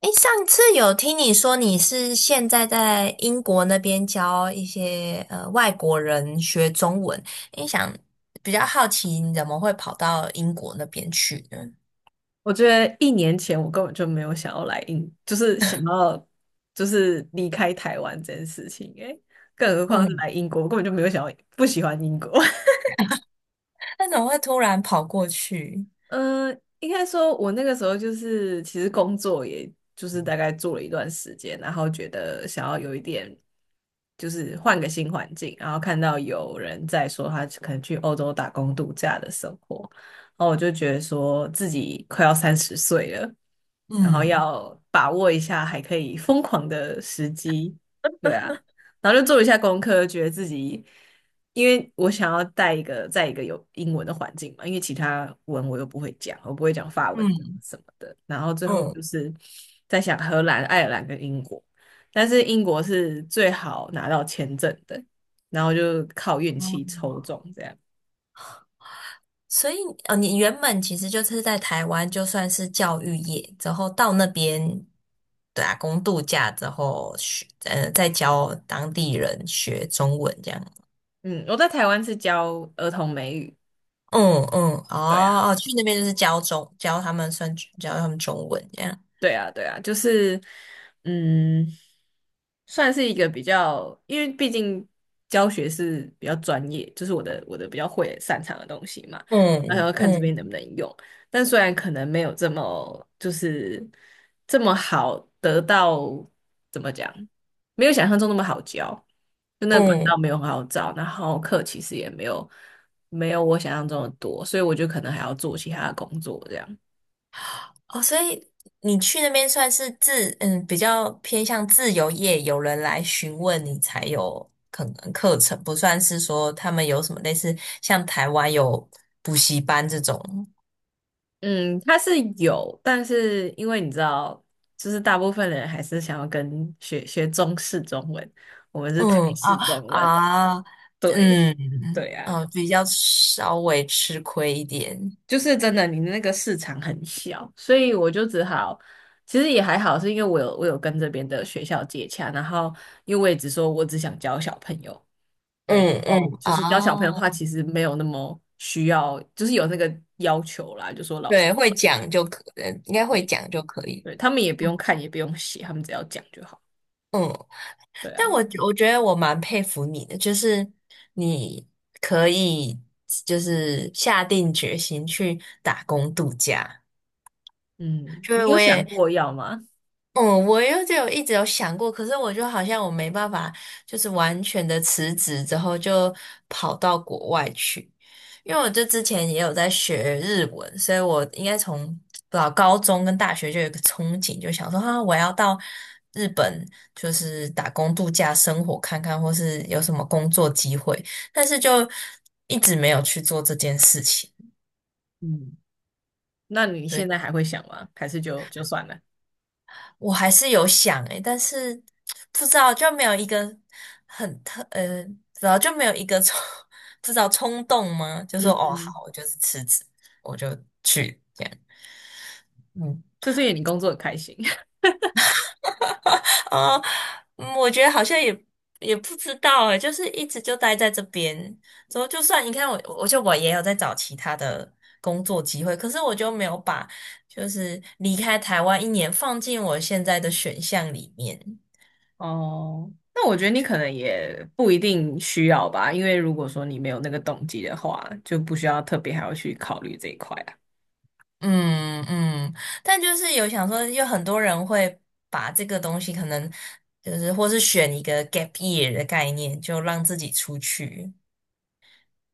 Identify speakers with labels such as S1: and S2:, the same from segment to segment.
S1: 诶，上次有听你说你是现在在英国那边教一些外国人学中文，你想比较好奇你怎么会跑到英国那边去呢？
S2: 我觉得一年前我根本就没有想要就是想要就是离开台湾这件事情，诶，更何况是
S1: 嗯
S2: 来英国，我根本就没有想要不喜欢英国。
S1: 那怎么会突然跑过去？
S2: 嗯，应该说，我那个时候就是，其实工作也就是大概做了一段时间，然后觉得想要有一点，就是换个新环境，然后看到有人在说他可能去欧洲打工度假的生活，然后我就觉得说自己快要30岁了，然后
S1: 嗯
S2: 要把握一下还可以疯狂的时机，对啊，然后就做了一下功课，觉得自己。因为我想要带一个在一个有英文的环境嘛，因为其他文我又不会讲，我不会讲法文
S1: 嗯
S2: 什么的。然后最后
S1: 嗯，
S2: 就是在想荷兰、爱尔兰跟英国，但是英国是最好拿到签证的，然后就靠运气
S1: 嗯，
S2: 抽中这样。
S1: 所以你原本其实就是在台湾，就算是教育业，之后到那边打工度假之后学，再教当地人学中文这样。
S2: 嗯，我在台湾是教儿童美语，
S1: 嗯嗯，
S2: 对啊。
S1: 哦哦，去那边就是教中教他们算教他们中文这样。
S2: 对啊，对啊，就是，嗯，算是一个比较，因为毕竟教学是比较专业，就是我的比较会擅长的东西嘛，然后要
S1: 嗯
S2: 看这
S1: 嗯
S2: 边能不能用。但虽然可能没有这么就是这么好得到，怎么讲，没有想象中那么好教，就那个管
S1: 嗯，
S2: 道没有很好找，然后课其实也没有没有我想象中的多，所以我就可能还要做其他的工作这样。
S1: 哦，所以你去那边算是比较偏向自由业，有人来询问你才有可能课程，不算是说他们有什么类似像台湾有补习班这种。
S2: 嗯，他是有，但是因为你知道，就是大部分人还是想要跟学中式中文，我们是台
S1: 嗯啊
S2: 式中文。
S1: 啊，
S2: 对，
S1: 嗯
S2: 对啊，
S1: 嗯，比较稍微吃亏一点。
S2: 就是真的，你那个市场很小，所以我就只好，其实也还好，是因为我有跟这边的学校接洽，然后因为我也只说我只想教小朋友，对，
S1: 嗯
S2: 然后
S1: 嗯，
S2: 就是教小朋友的话，
S1: 啊。
S2: 其实没有那么需要，就是有那个要求啦，就说老师，
S1: 对，会讲就可，呃应该会
S2: 对
S1: 讲就可以。
S2: 对，他们也不用看，也不用写，他们只要讲就好。
S1: 嗯，
S2: 对
S1: 但
S2: 啊，
S1: 我觉得我蛮佩服你的，就是你可以就是下定决心去打工度假。
S2: 嗯，
S1: 就
S2: 你
S1: 是
S2: 有
S1: 我
S2: 想
S1: 也
S2: 过要吗？
S1: 嗯，我又就有一直有想过，可是我就好像我没办法，就是完全的辞职之后就跑到国外去，因为我就之前也有在学日文，所以我应该从高中跟大学就有一个憧憬，就想说啊，我要到日本就是打工度假生活看看，或是有什么工作机会，但是就一直没有去做这件事情。
S2: 嗯，那你
S1: 对。
S2: 现在还会想吗？还是就算了？
S1: 我还是有想诶，但是不知道就没有一个很特呃，不知道就没有一个冲，不知道冲动吗？就说
S2: 嗯
S1: 哦好，
S2: 嗯，
S1: 我就是辞职，我就去。嗯，
S2: 就是因为你工作很开心。
S1: 啊，嗯我觉得好像也不知道诶，就是一直就待在这边，之后就算你看我，我也有在找其他的工作机会，可是我就没有把就是离开台湾一年放进我现在的选项里面。
S2: 哦，那我觉得你可能也不一定需要吧，因为如果说你没有那个动机的话，就不需要特别还要去考虑这一块啊。
S1: 嗯嗯，但就是有想说，有很多人会把这个东西可能就是或是选一个 gap year 的概念，就让自己出去。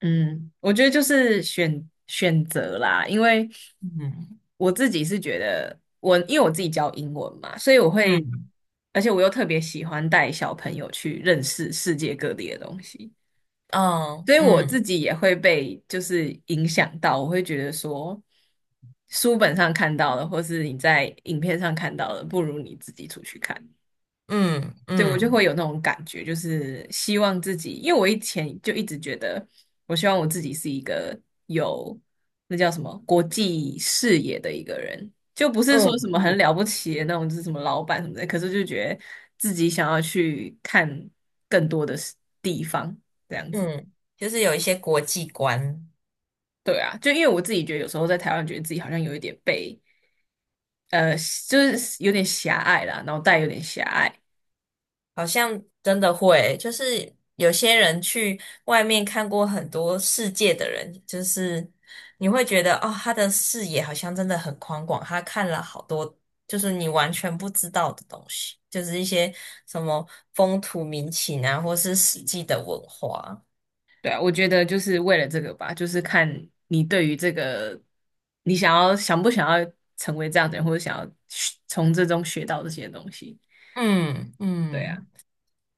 S2: 嗯，我觉得就是选择啦，因为
S1: 嗯
S2: 我自己是觉得我，因为我自己教英文嘛，所以我会，
S1: 嗯
S2: 而且我又特别喜欢带小朋友去认识世界各地的东西，
S1: 嗯
S2: 所以我自
S1: 嗯
S2: 己也会被就是影响到，我会觉得说，书本上看到的，或是你在影片上看到的，不如你自己出去看。
S1: 嗯
S2: 对，我就会
S1: 嗯
S2: 有那种感觉，就是希望自己，因为我以前就一直觉得，我希望我自己是一个有那叫什么国际视野的一个人，就不是说什么很
S1: 嗯
S2: 了不起的那种，就是什么老板什么的，可是就觉得自己想要去看更多的事地方，这样子。
S1: 嗯，就是有一些国际观。
S2: 对啊，就因为我自己觉得有时候在台湾，觉得自己好像有一点被呃，就是有点狭隘啦，脑袋有点狭隘。
S1: 好像真的会，就是有些人去外面看过很多世界的人，就是你会觉得哦，他的视野好像真的很宽广，他看了好多就是你完全不知道的东西，就是一些什么风土民情啊，或是史记的文化。
S2: 对啊，我觉得就是为了这个吧，就是看你对于这个，你想要想不想要成为这样的人，或者想要学从这中学到这些东西。
S1: 嗯
S2: 对啊，
S1: 嗯，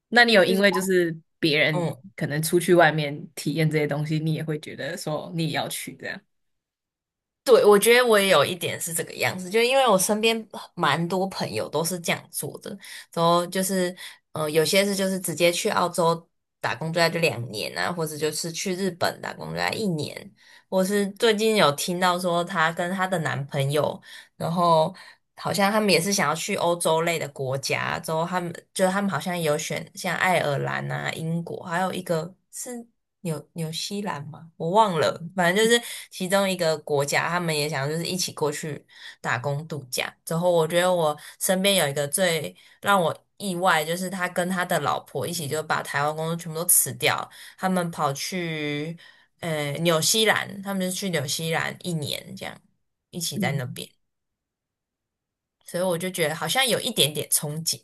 S2: 那你有
S1: 就
S2: 因
S1: 是
S2: 为就是别人
S1: 嗯。
S2: 可能出去外面体验这些东西，你也会觉得说你也要去这样？
S1: 对，我觉得我也有一点是这个样子，就因为我身边蛮多朋友都是这样做的，然后就是，有些是就是直接去澳洲打工度假就两年啊，或者就是去日本打工度假一年，我是最近有听到说她跟她的男朋友，然后好像他们也是想要去欧洲类的国家，之后他们好像有选像爱尔兰啊、英国，还有一个是。纽西兰吗？我忘了，反正就是其中一个国家，他们也想就是一起过去打工度假。之后我觉得我身边有一个最让我意外，就是他跟他的老婆一起就把台湾工作全部都辞掉，他们跑去纽西兰，他们就去纽西兰一年这样，一起在
S2: 嗯，
S1: 那边，所以我就觉得好像有一点点憧憬。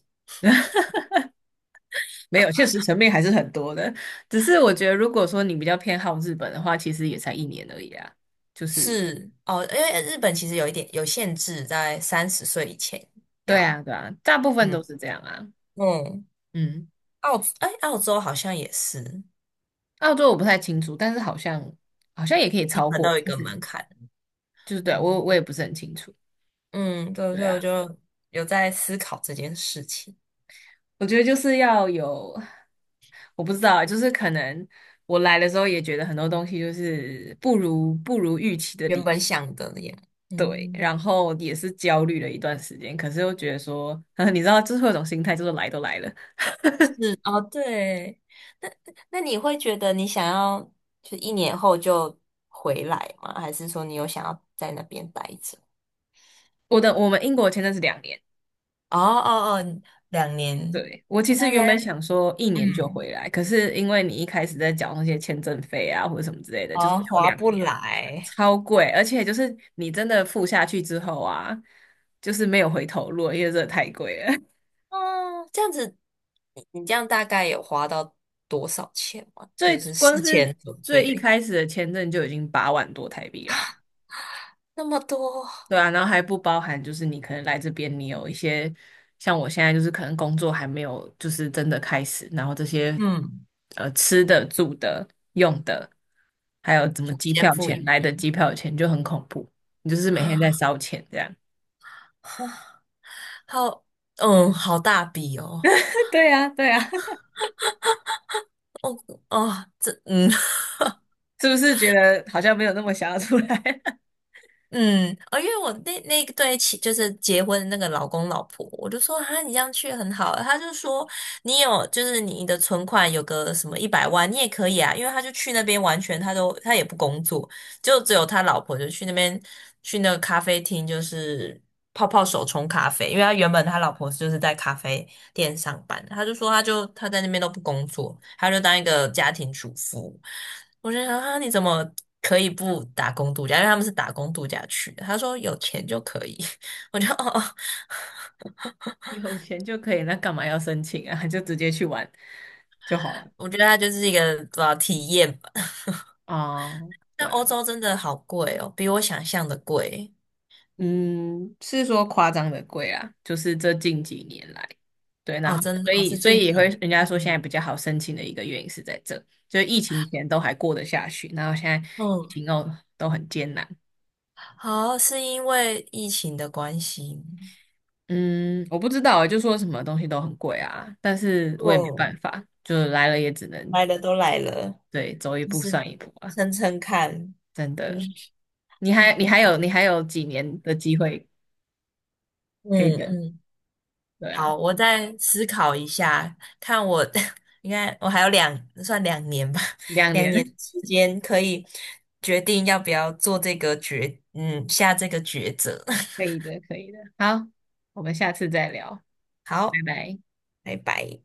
S2: 没有，现实层面还是很多的。只是我觉得，如果说你比较偏好日本的话，其实也才一年而已啊。就是，
S1: 是哦，因为日本其实有一点有限制，在三十岁以前
S2: 对
S1: 要。
S2: 啊，对啊，大部分
S1: 嗯
S2: 都是这样啊。
S1: 嗯，
S2: 嗯。
S1: 哎，澳洲好像也是，
S2: 澳洲我不太清楚，但是好像好像也可以
S1: 一
S2: 超
S1: 本都
S2: 过，
S1: 有一
S2: 但
S1: 个
S2: 是
S1: 门槛。
S2: 就是对啊我
S1: 嗯
S2: 也不是很清楚。
S1: 嗯，对，
S2: 对
S1: 所以我
S2: 啊，
S1: 就有在思考这件事情，
S2: 我觉得就是要有，我不知道啊，就是可能我来的时候也觉得很多东西就是不如预期的
S1: 原
S2: 理
S1: 本
S2: 想，
S1: 想的那样。
S2: 对，
S1: 嗯，
S2: 然后也是焦虑了一段时间，可是又觉得说，你知道，就是会有种心态，就是来都来了。
S1: 哦，对，那那你会觉得你想要就一年后就回来吗？还是说你有想要在那边待着？
S2: 我的我们英国签证是两年。
S1: 哦哦哦，两年，
S2: 对，我其
S1: 哦
S2: 实
S1: 大
S2: 原
S1: 家
S2: 本想说一年就回
S1: 嗯，
S2: 来，可是因为你一开始在缴那些签证费啊或者什么之类的，就是
S1: 哦，
S2: 缴
S1: 划
S2: 两
S1: 不
S2: 年，
S1: 来。
S2: 超贵，而且就是你真的付下去之后啊，就是没有回头路了因为这太贵了。
S1: 嗯，这样子，你这样大概有花到多少钱吗？就是
S2: 光
S1: 事前
S2: 是
S1: 准
S2: 最一
S1: 备
S2: 开始的签证就已经8万多台币啦，
S1: 那么多，
S2: 对啊，然后还不包含就是你可能来这边，你有一些像我现在就是可能工作还没有就是真的开始，然后这些
S1: 嗯，
S2: 吃的、住的、用的，还有怎么
S1: 就
S2: 机
S1: 先
S2: 票
S1: 付
S2: 钱
S1: 一
S2: 来的
S1: 笔。
S2: 机票钱就很恐怖，你就是每天在烧钱这样，
S1: 哈，好，嗯，好大笔哦，
S2: 对啊，对啊，
S1: 哦，这，嗯
S2: 是不是觉得好像没有那么想要出来？
S1: 嗯，哦，因为我那个对起就是结婚的那个老公老婆，我就说哈，你这样去很好，他就说你有就是你的存款有个什么100万，你也可以啊，因为他就去那边完全他也不工作，就只有他老婆就去那边去那个咖啡厅，就是泡泡手冲咖啡，因为他原本他老婆就是在咖啡店上班，他就说他在那边都不工作，他就当一个家庭主妇。我就想啊，你怎么可以不打工度假？因为他们是打工度假去的。他说有钱就可以，我就哦，哦
S2: 有钱就可以，那干嘛要申请啊？就直接去玩就好了。
S1: 我觉得他就是一个体验吧。
S2: 哦，对
S1: 但欧
S2: 啊。
S1: 洲真的好贵哦，比我想象的贵
S2: 嗯，是说夸张的贵啊，就是这近几年来，对，然
S1: 哦，
S2: 后哦
S1: 真
S2: 所
S1: 的哦，
S2: 以
S1: 是
S2: 所
S1: 近
S2: 以也
S1: 几
S2: 会
S1: 年，
S2: 人家说现在
S1: 嗯。
S2: 比较好申请的一个原因是在这，就疫情前都还过得下去，然后现在疫
S1: 嗯
S2: 情后都很艰难。
S1: 好，是因为疫情的关系。
S2: 嗯，我不知道欸，就说什么东西都很贵啊，但是我也没办
S1: 嗯，
S2: 法，就来了也只能
S1: 来了都来了，
S2: 对走一
S1: 就
S2: 步
S1: 是
S2: 算一步啊，
S1: 撑撑看。
S2: 真
S1: 嗯
S2: 的。你还
S1: 嗯
S2: 你还有你还有几年的机会 可以
S1: 嗯，
S2: 等，
S1: 嗯，
S2: 对啊，
S1: 好，我再思考一下，看我 应该我还有算两年吧，
S2: 两
S1: 两年
S2: 年
S1: 时间可以决定要不要做这个决，嗯，下这个抉择。
S2: 可 以的，可以的。好，我们下次再聊。
S1: 好，
S2: 拜拜。
S1: 拜拜。